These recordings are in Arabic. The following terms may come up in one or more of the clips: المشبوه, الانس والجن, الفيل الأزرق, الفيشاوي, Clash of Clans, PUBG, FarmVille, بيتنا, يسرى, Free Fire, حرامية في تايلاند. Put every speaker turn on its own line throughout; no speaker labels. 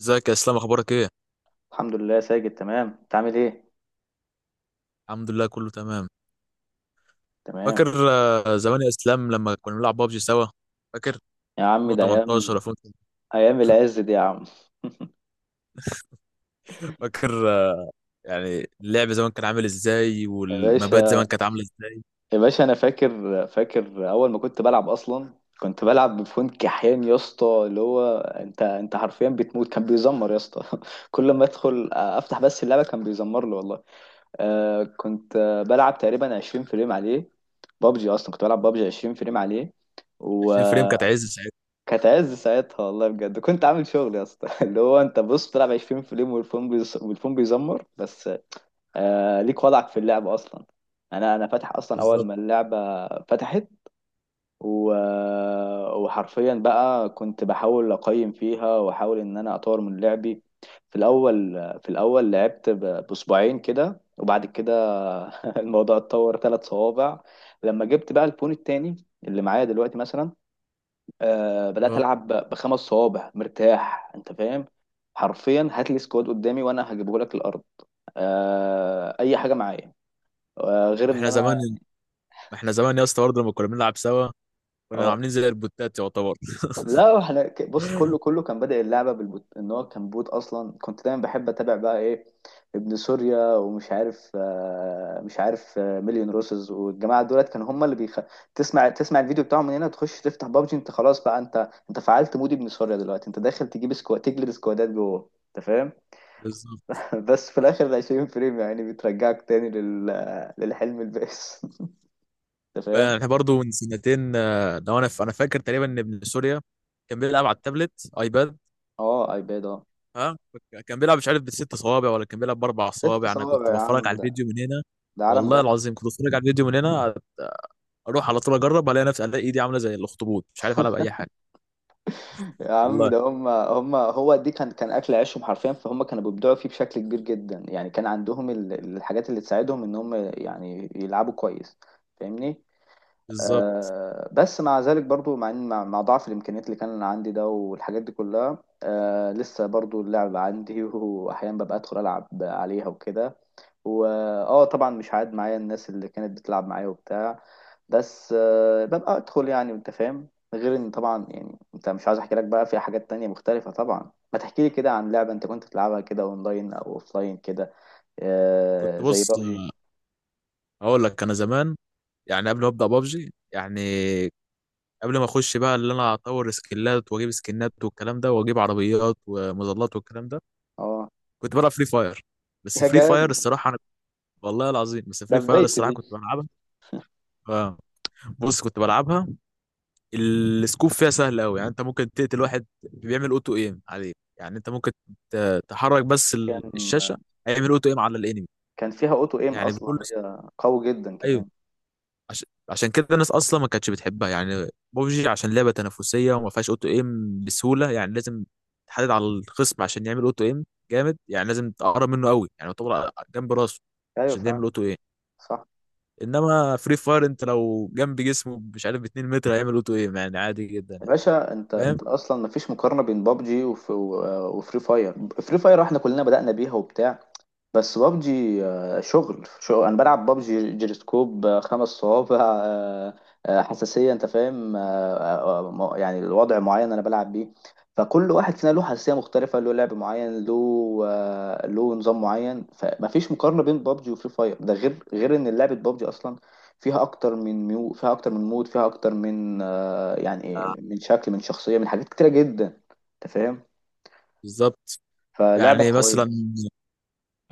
ازيك يا اسلام، اخبارك ايه؟
الحمد لله ساجد، تمام. انت عامل ايه؟
الحمد لله، كله تمام.
تمام.
فاكر زمان يا اسلام لما كنا بنلعب بابجي سوا؟ فاكر؟
يا عم ده
2018
ايام،
ولا 2000؟
ايام العز دي يا عم.
فاكر يعني اللعب زمان كان عامل ازاي
يا
والمبات زمان
باشا،
كانت عامله ازاي؟
يا باشا انا فاكر، اول ما كنت بلعب اصلا كنت بلعب بفون كحيان يا اسطى، اللي هو انت حرفيا بتموت كان بيزمر يا اسطى. كل ما ادخل افتح بس اللعبه كان بيزمر لي والله. آه كنت بلعب تقريبا 20 فريم عليه. بابجي اصلا كنت بلعب بابجي 20 فريم عليه.
20 فريم كانت عز ساعتها.
كانت عز ساعتها والله بجد، كنت عامل شغل يا اسطى. اللي هو انت بص بتلعب 20 فريم والفون والفون بيزمر بس. آه ليك وضعك في اللعب اصلا. انا فاتح اصلا اول
بالظبط.
ما اللعبه فتحت و... وحرفيا بقى كنت بحاول اقيم فيها واحاول ان انا اطور من لعبي. في الاول، في الاول لعبت ب... باسبوعين كده، وبعد كده الموضوع اتطور 3 صوابع. لما جبت بقى الفون التاني اللي معايا دلوقتي مثلا، آه بدات
اه،
العب بخمس صوابع مرتاح، انت فاهم؟ حرفيا هات لي سكواد قدامي وانا هجيبه لك الارض. آه اي حاجه معايا، آه غير
ما
ان
احنا
انا.
زمان ما احنا زمان يا اسطى برضه لما كنا بنلعب سوا، كنا
اه
عاملين زي البوتات يعتبر.
لا احنا بص، كله كان بادئ اللعبه بالبوت، ان هو كان بوت اصلا. كنت دايما بحب اتابع بقى ايه، ابن سوريا ومش عارف آه، مش عارف آه، مليون روسز والجماعه دولت، كانوا هم تسمع، تسمع الفيديو بتاعهم من هنا، تخش تفتح بابجي انت خلاص بقى، انت فعلت مود ابن سوريا. دلوقتي انت داخل تجيب سكواد تجلد سكوادات جوه، انت فاهم؟
بالظبط.
بس في الاخر ال 20 فريم يعني بترجعك تاني للحلم البائس. انت فاهم؟
احنا برضه من سنتين لو انا انا فاكر تقريبا ان ابن سوريا كان بيلعب على التابلت ايباد.
اه ايباد اه.
ها؟ كان بيلعب مش عارف بالست صوابع ولا كان بيلعب باربع
ست
صوابع، انا
صوابع
كنت
يا
بتفرج على
عم، ده
الفيديو من هنا.
ده عالم
والله
جحد.
العظيم كنت بتفرج على الفيديو من هنا، اروح على طول اجرب، الاقي نفسي الاقي ايدي عامله زي الاخطبوط، مش عارف العب اي حاجه.
يا عم
والله.
ده هم هو دي، كان اكل عيشهم حرفيا، فهم كانوا بيبدعوا فيه بشكل كبير جدا. يعني كان عندهم الحاجات اللي تساعدهم ان هم يعني يلعبوا كويس. فاهمني؟
بالظبط.
آه، بس مع ذلك برضو مع ضعف الامكانيات اللي كان عندي ده والحاجات دي كلها، آه لسه برضو اللعب عندي. واحيانا ببقى ادخل العب عليها وكده، واه طبعا مش عاد معايا الناس اللي كانت بتلعب معايا وبتاع. بس ببقى ادخل يعني، انت فاهم؟ غير ان طبعا، يعني انت مش عايز احكي لك بقى في حاجات تانية مختلفة. طبعا ما تحكي لي كده عن لعبة انت كنت بتلعبها كده اونلاين او اوفلاين كده.
كنت
آه زي
بص،
بابجي.
اقول لك انا زمان، يعني قبل ما ابدا بابجي، يعني قبل ما اخش بقى اللي انا اطور سكيلات واجيب سكنات والكلام ده واجيب عربيات ومظلات والكلام ده،
اه
كنت بلعب فري فاير. بس
يا
فري فاير
جامد.
الصراحه انا، والله العظيم، بس
ده
فري فاير
بدايتي دي.
الصراحه كنت بلعبها. آه. بص، كنت بلعبها، السكوب فيها سهل قوي، يعني انت ممكن تقتل واحد بيعمل اوتو ايم عليه، يعني انت ممكن تحرك بس الشاشه،
كان
هيعمل اوتو ايم على الانمي.
كان فيها اوتو ايم
يعني بكل
اصلا، هي قوي جدا
ايوه،
كمان.
عشان كده الناس اصلا ما كانتش بتحبها. يعني بوبجي عشان لعبه تنافسيه وما فيهاش اوتو ايم بسهوله، يعني لازم تحدد على الخصم عشان يعمل اوتو ايم. جامد، يعني لازم تقرب منه قوي، يعني يعتبر جنب راسه
ايوه
عشان يعمل
فعلا.
اوتو ايم.
صح.
انما فري فاير انت لو جنب جسمه مش عارف ب 2 متر هيعمل اوتو ايم، يعني عادي جدا
يا
يعني.
باشا، انت
فاهم.
انت اصلا مفيش مقارنه بين بابجي وفري فاير. فري فاير احنا كلنا بدأنا بيها وبتاع، بس بابجي، شغل. انا بلعب بابجي جيروسكوب، 5 صوابع، آه، حساسيه، انت فاهم؟ يعني الوضع معين انا بلعب بيه. فكل واحد فينا له حساسيه مختلفه، له لعب معين له له نظام معين. فمفيش مقارنه بين بابجي وفري فاير، ده غير ان لعبه بابجي اصلا فيها اكتر من ميو، فيها اكتر من مود، فيها اكتر من آه، يعني إيه، من شكل، من شخصيه، من حاجات كتيره جدا. انت فاهم؟
بالظبط.
فلعبه
يعني مثلا،
قويه.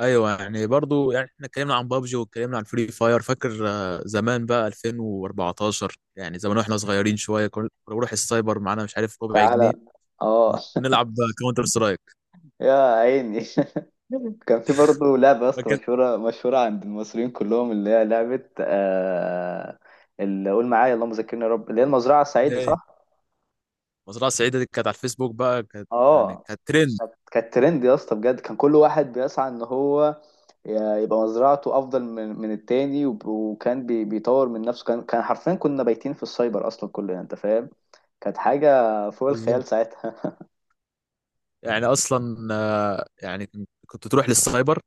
ايوه، يعني برضو يعني احنا اتكلمنا عن بابجي واتكلمنا عن فري فاير. فاكر زمان بقى 2014؟ يعني زمان واحنا صغيرين شويه كنا بنروح السايبر معانا مش عارف ربع
تعالى.
جنيه،
اه.
ونلعب كاونتر سترايك.
يا عيني. كان في برضه لعبة يا اسطى،
فاكر؟
مشهورة عند المصريين كلهم، اللي هي لعبة آه، اللي قول معايا اللهم ذكرني يا رب، اللي هي المزرعة السعيدة،
ايه؟
صح؟
مزرعه سعيده دي كانت على الفيسبوك بقى، كانت يعني
اه.
كانت ترند.
كانت ترند يا اسطى بجد. كان كل واحد بيسعى ان هو يبقى مزرعته افضل من التاني، بيطور من نفسه. كان حرفيا كنا بايتين في السايبر اصلا كلنا، انت فاهم؟ كانت حاجة فوق الخيال
بالظبط.
ساعتها.
يعني اصلا يعني كنت تروح للسايبر،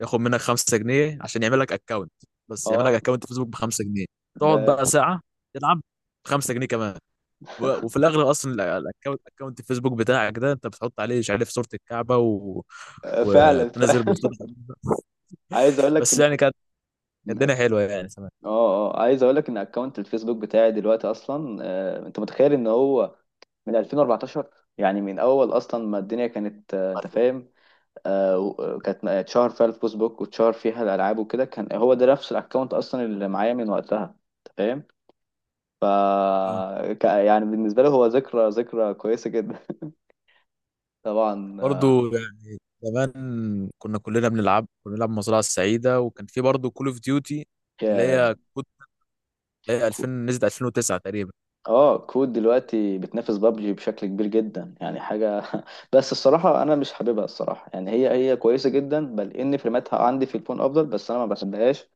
ياخد منك 5 جنيه عشان يعمل لك اكونت. بس يعمل لك
اه.
اكونت فيسبوك ب 5 جنيه،
ده
تقعد بقى ساعه تلعب ب 5 جنيه كمان، وفي الاغلب اصلا اكونت الفيسبوك بتاعك ده انت بتحط عليه مش عارف صوره الكعبه
فعلا،
وتنزل
فعلا.
بوستات غريبة.
عايز اقول لك
بس
ان
يعني كانت الدنيا حلوه يعني زمان.
اه. اه عايز اقول لك ان اكونت الفيسبوك بتاعي دلوقتي اصلا، انت متخيل ان هو من 2014، يعني من اول اصلا ما الدنيا كانت، انت فاهم؟ اتشهر فيها الفيسبوك واتشهر فيها الالعاب وكده، كان هو ده نفس الاكونت اصلا اللي معايا من وقتها، انت فاهم؟ ف
آه.
يعني بالنسبه لي هو ذكرى، ذكرى كويسه جدا. طبعا.
برضو يعني زمان كنا كلنا بنلعب كنا بنلعب مزرعه السعيده، وكان في برضو كول اوف ديوتي اللي
آه،
هي كود، اللي هي 2000 نزلت 2009 تقريبا.
اه كود دلوقتي بتنافس بابجي بشكل كبير جدا، يعني حاجه. بس الصراحه انا مش حاببها الصراحه، يعني هي كويسه جدا بل ان فريماتها عندي في الفون افضل، بس انا ما بحبهاش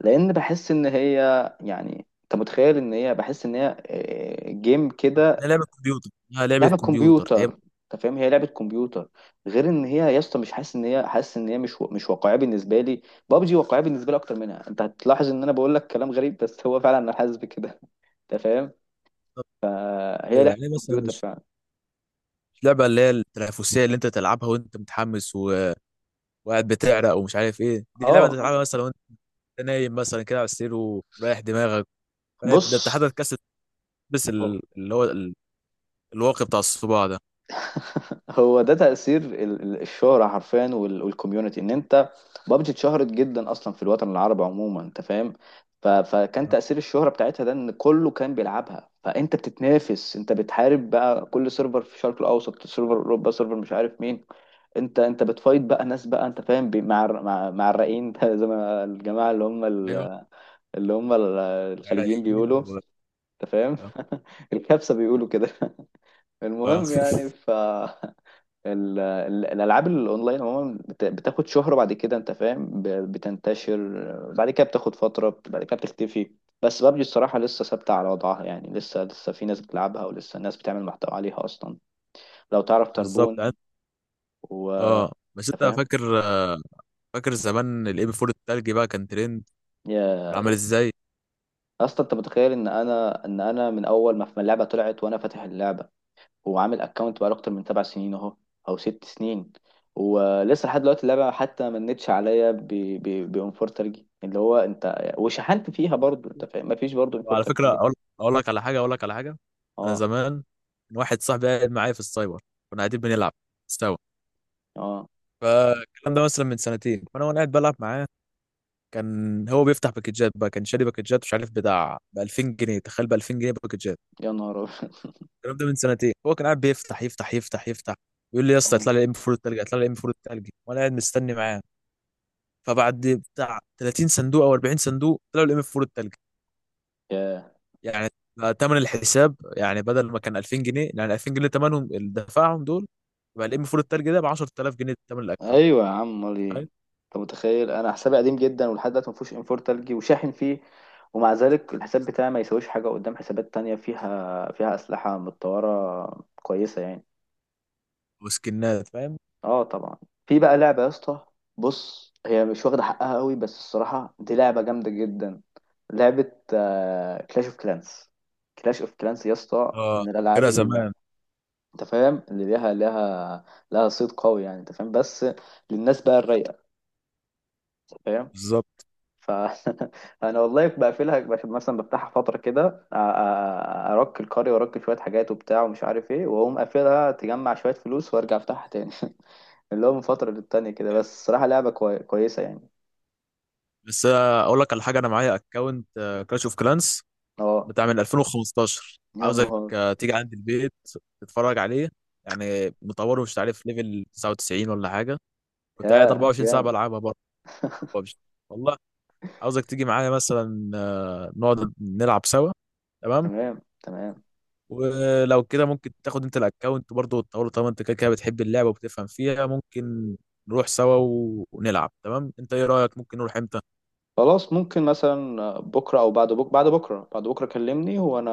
لان بحس ان هي، يعني انت متخيل ان هي، بحس ان هي جيم كده.
هي لعبه كمبيوتر هي لعبه
لعبه
كمبيوتر هي.
كمبيوتر. انت فاهم، هي لعبه كمبيوتر. غير ان هي يا اسطى، مش حاسس ان هي، حاسس ان هي مش واقعيه بالنسبه لي. بابجي واقعيه بالنسبه لي اكتر منها. انت هتلاحظ ان انا بقول لك كلام غريب بس هو فعلا انا حاسس بكده، انت فاهم؟
بالظبط.
هي
ايوه
لعبه
يعني مثلا،
كمبيوتر
مش
فعلا.
مش لعبه اللي هي التنافسيه اللي انت تلعبها وانت متحمس وقاعد بتعرق ومش عارف ايه، دي
اه
لعبه انت
آه.
تلعبها مثلا. انت نايم مثلا كده على السرير ورايح دماغك. فاهم؟ ده انت
بص
حضرتك كاس، تلبس
هو.
الواقي بتاع الصباع ده.
هو ده تأثير الشهرة حرفيا، والكوميونتي، ان انت، بابجي اتشهرت جدا اصلا في الوطن العربي عموما، انت فاهم؟ فكان
آه.
تأثير الشهرة بتاعتها ده، ان كله كان بيلعبها، فانت بتتنافس، انت بتحارب بقى كل سيرفر في الشرق الاوسط، سيرفر اوروبا، سيرفر مش عارف مين. انت بتفايت بقى ناس بقى، انت فاهم، مع الرقين. زي ما الجماعة اللي
ايوه،
اللي الخليجيين
عرقين
بيقولوا، انت فاهم؟
اه،
الكبسة بيقولوا كده.
آه.
المهم يعني ف. الالعاب الاونلاين عموما بتاخد شهرة بعد كده، انت فاهم؟ بتنتشر بعد كده، بتاخد فترة، بعد كده بتختفي. بس بابجي الصراحة لسه ثابتة على وضعها، يعني لسه، لسه في ناس بتلعبها، ولسه ناس بتعمل محتوى عليها اصلا لو تعرف
بالظبط
تربون، و
اه، بس
انت
انت
فاهم.
فاكر فاكر زمان الاي بي 4 التلجي بقى كان ترند؟ كان
يا
عامل ازاي؟
اصلا انت متخيل ان انا من اول ما اللعبة طلعت وانا فاتح اللعبة، هو عامل اكونت بقاله اكتر من 7 سنين اهو، او 6 سنين، ولسه لحد دلوقتي اللعبه حتى ما منتش عليا بانفور ترجي، اللي هو انت وشحنت فيها برضو، انت فاهم؟ مفيش برضو انفور
وعلى فكره،
ترجي.
اقول لك على حاجه، اقول لك على حاجه. انا
اه.
زمان كان واحد صاحبي قاعد معايا في السايبر، كنا قاعدين بنلعب سوا،
اه
فالكلام ده مثلا من سنتين، فانا وانا قاعد بلعب معاه كان هو بيفتح باكجات بقى، كان شاري باكجات مش عارف بتاع ب 2000 جنيه. تخيل، ب 2000 جنيه باكجات.
يا نهار أبيض.
الكلام ده من سنتين. هو كان قاعد بيفتح يفتح يفتح يفتح، يقول لي يا اسطى
اه.
يطلع لي ام فور التلج، يطلع لي ام فور التلج، وانا قاعد مستني معاه. فبعد بتاع 30 صندوق او 40 صندوق طلعوا الام فور التلج.
ياه.
يعني ثمن الحساب يعني بدل ما كان 2000 جنيه، يعني 2000 جنيه ثمنهم اللي دفعهم دول، يبقى الام فور التلج ده ب 10000 جنيه ثمن الاكونت.
ايوه يا عم، امال ايه؟
تخيل.
انت متخيل انا حسابي قديم جدا ولحد دلوقتي ما فيهوش انفور ترجي وشاحن فيه، ومع ذلك الحساب بتاعي ما يساويش حاجه قدام حسابات تانية فيها، فيها اسلحه متطوره كويسه يعني.
وسكنات فاهم.
اه طبعا. في بقى لعبة يا اسطى، بص هي مش واخدة حقها قوي بس الصراحة دي لعبة جامدة جدا. لعبة كلاش اوف كلانس. كلاش اوف كلانس يا اسطى
اه،
من الالعاب
فاكرها
اللي،
زمان.
انت فاهم، اللي ليها لها صيت قوي يعني، انت فاهم؟ بس للناس بقى الرايقة، انت فاهم.
بالظبط.
ف انا والله بقفلها، مثلا بفتحها فترة كده أ- أ- ارك القرية وارك شوية حاجات وبتاع ومش عارف ايه، واقوم قافلها تجمع شوية فلوس وارجع افتحها تاني. اللي هو من فترة للتانية كده، بس الصراحة لعبة كويسة يعني.
بس اقول لك على حاجه، انا معايا اكونت كلاش اوف كلانس
اه
بتاع من 2015،
يا
عاوزك
نهار.
تيجي عند البيت تتفرج عليه. يعني مطوره مش عارف ليفل 99 ولا حاجه، كنت قاعد
يا
24 ساعه
جامد.
بلعبها برضه ببجي والله. عاوزك تيجي معايا مثلا نقعد نلعب سوا. تمام.
تمام، تمام.
ولو كده ممكن تاخد انت الاكونت برضه وتطوره، طالما انت كده كده بتحب اللعبه وبتفهم فيها ممكن نروح سوا ونلعب. تمام. انت ايه رايك، ممكن نروح امتى؟
خلاص ممكن مثلا بكرة أو بعد بكرة، بعد بكرة كلمني وأنا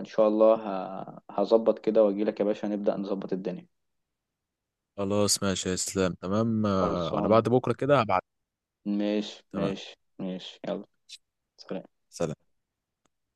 إن شاء الله هظبط كده وأجيلك يا باشا، نبدأ نظبط الدنيا.
خلاص ماشي يا اسلام، تمام على
خلصان.
بعد بكره كده هبعت.
ماشي،
تمام.
ماشي ماشي يلا. سلام.
سلام.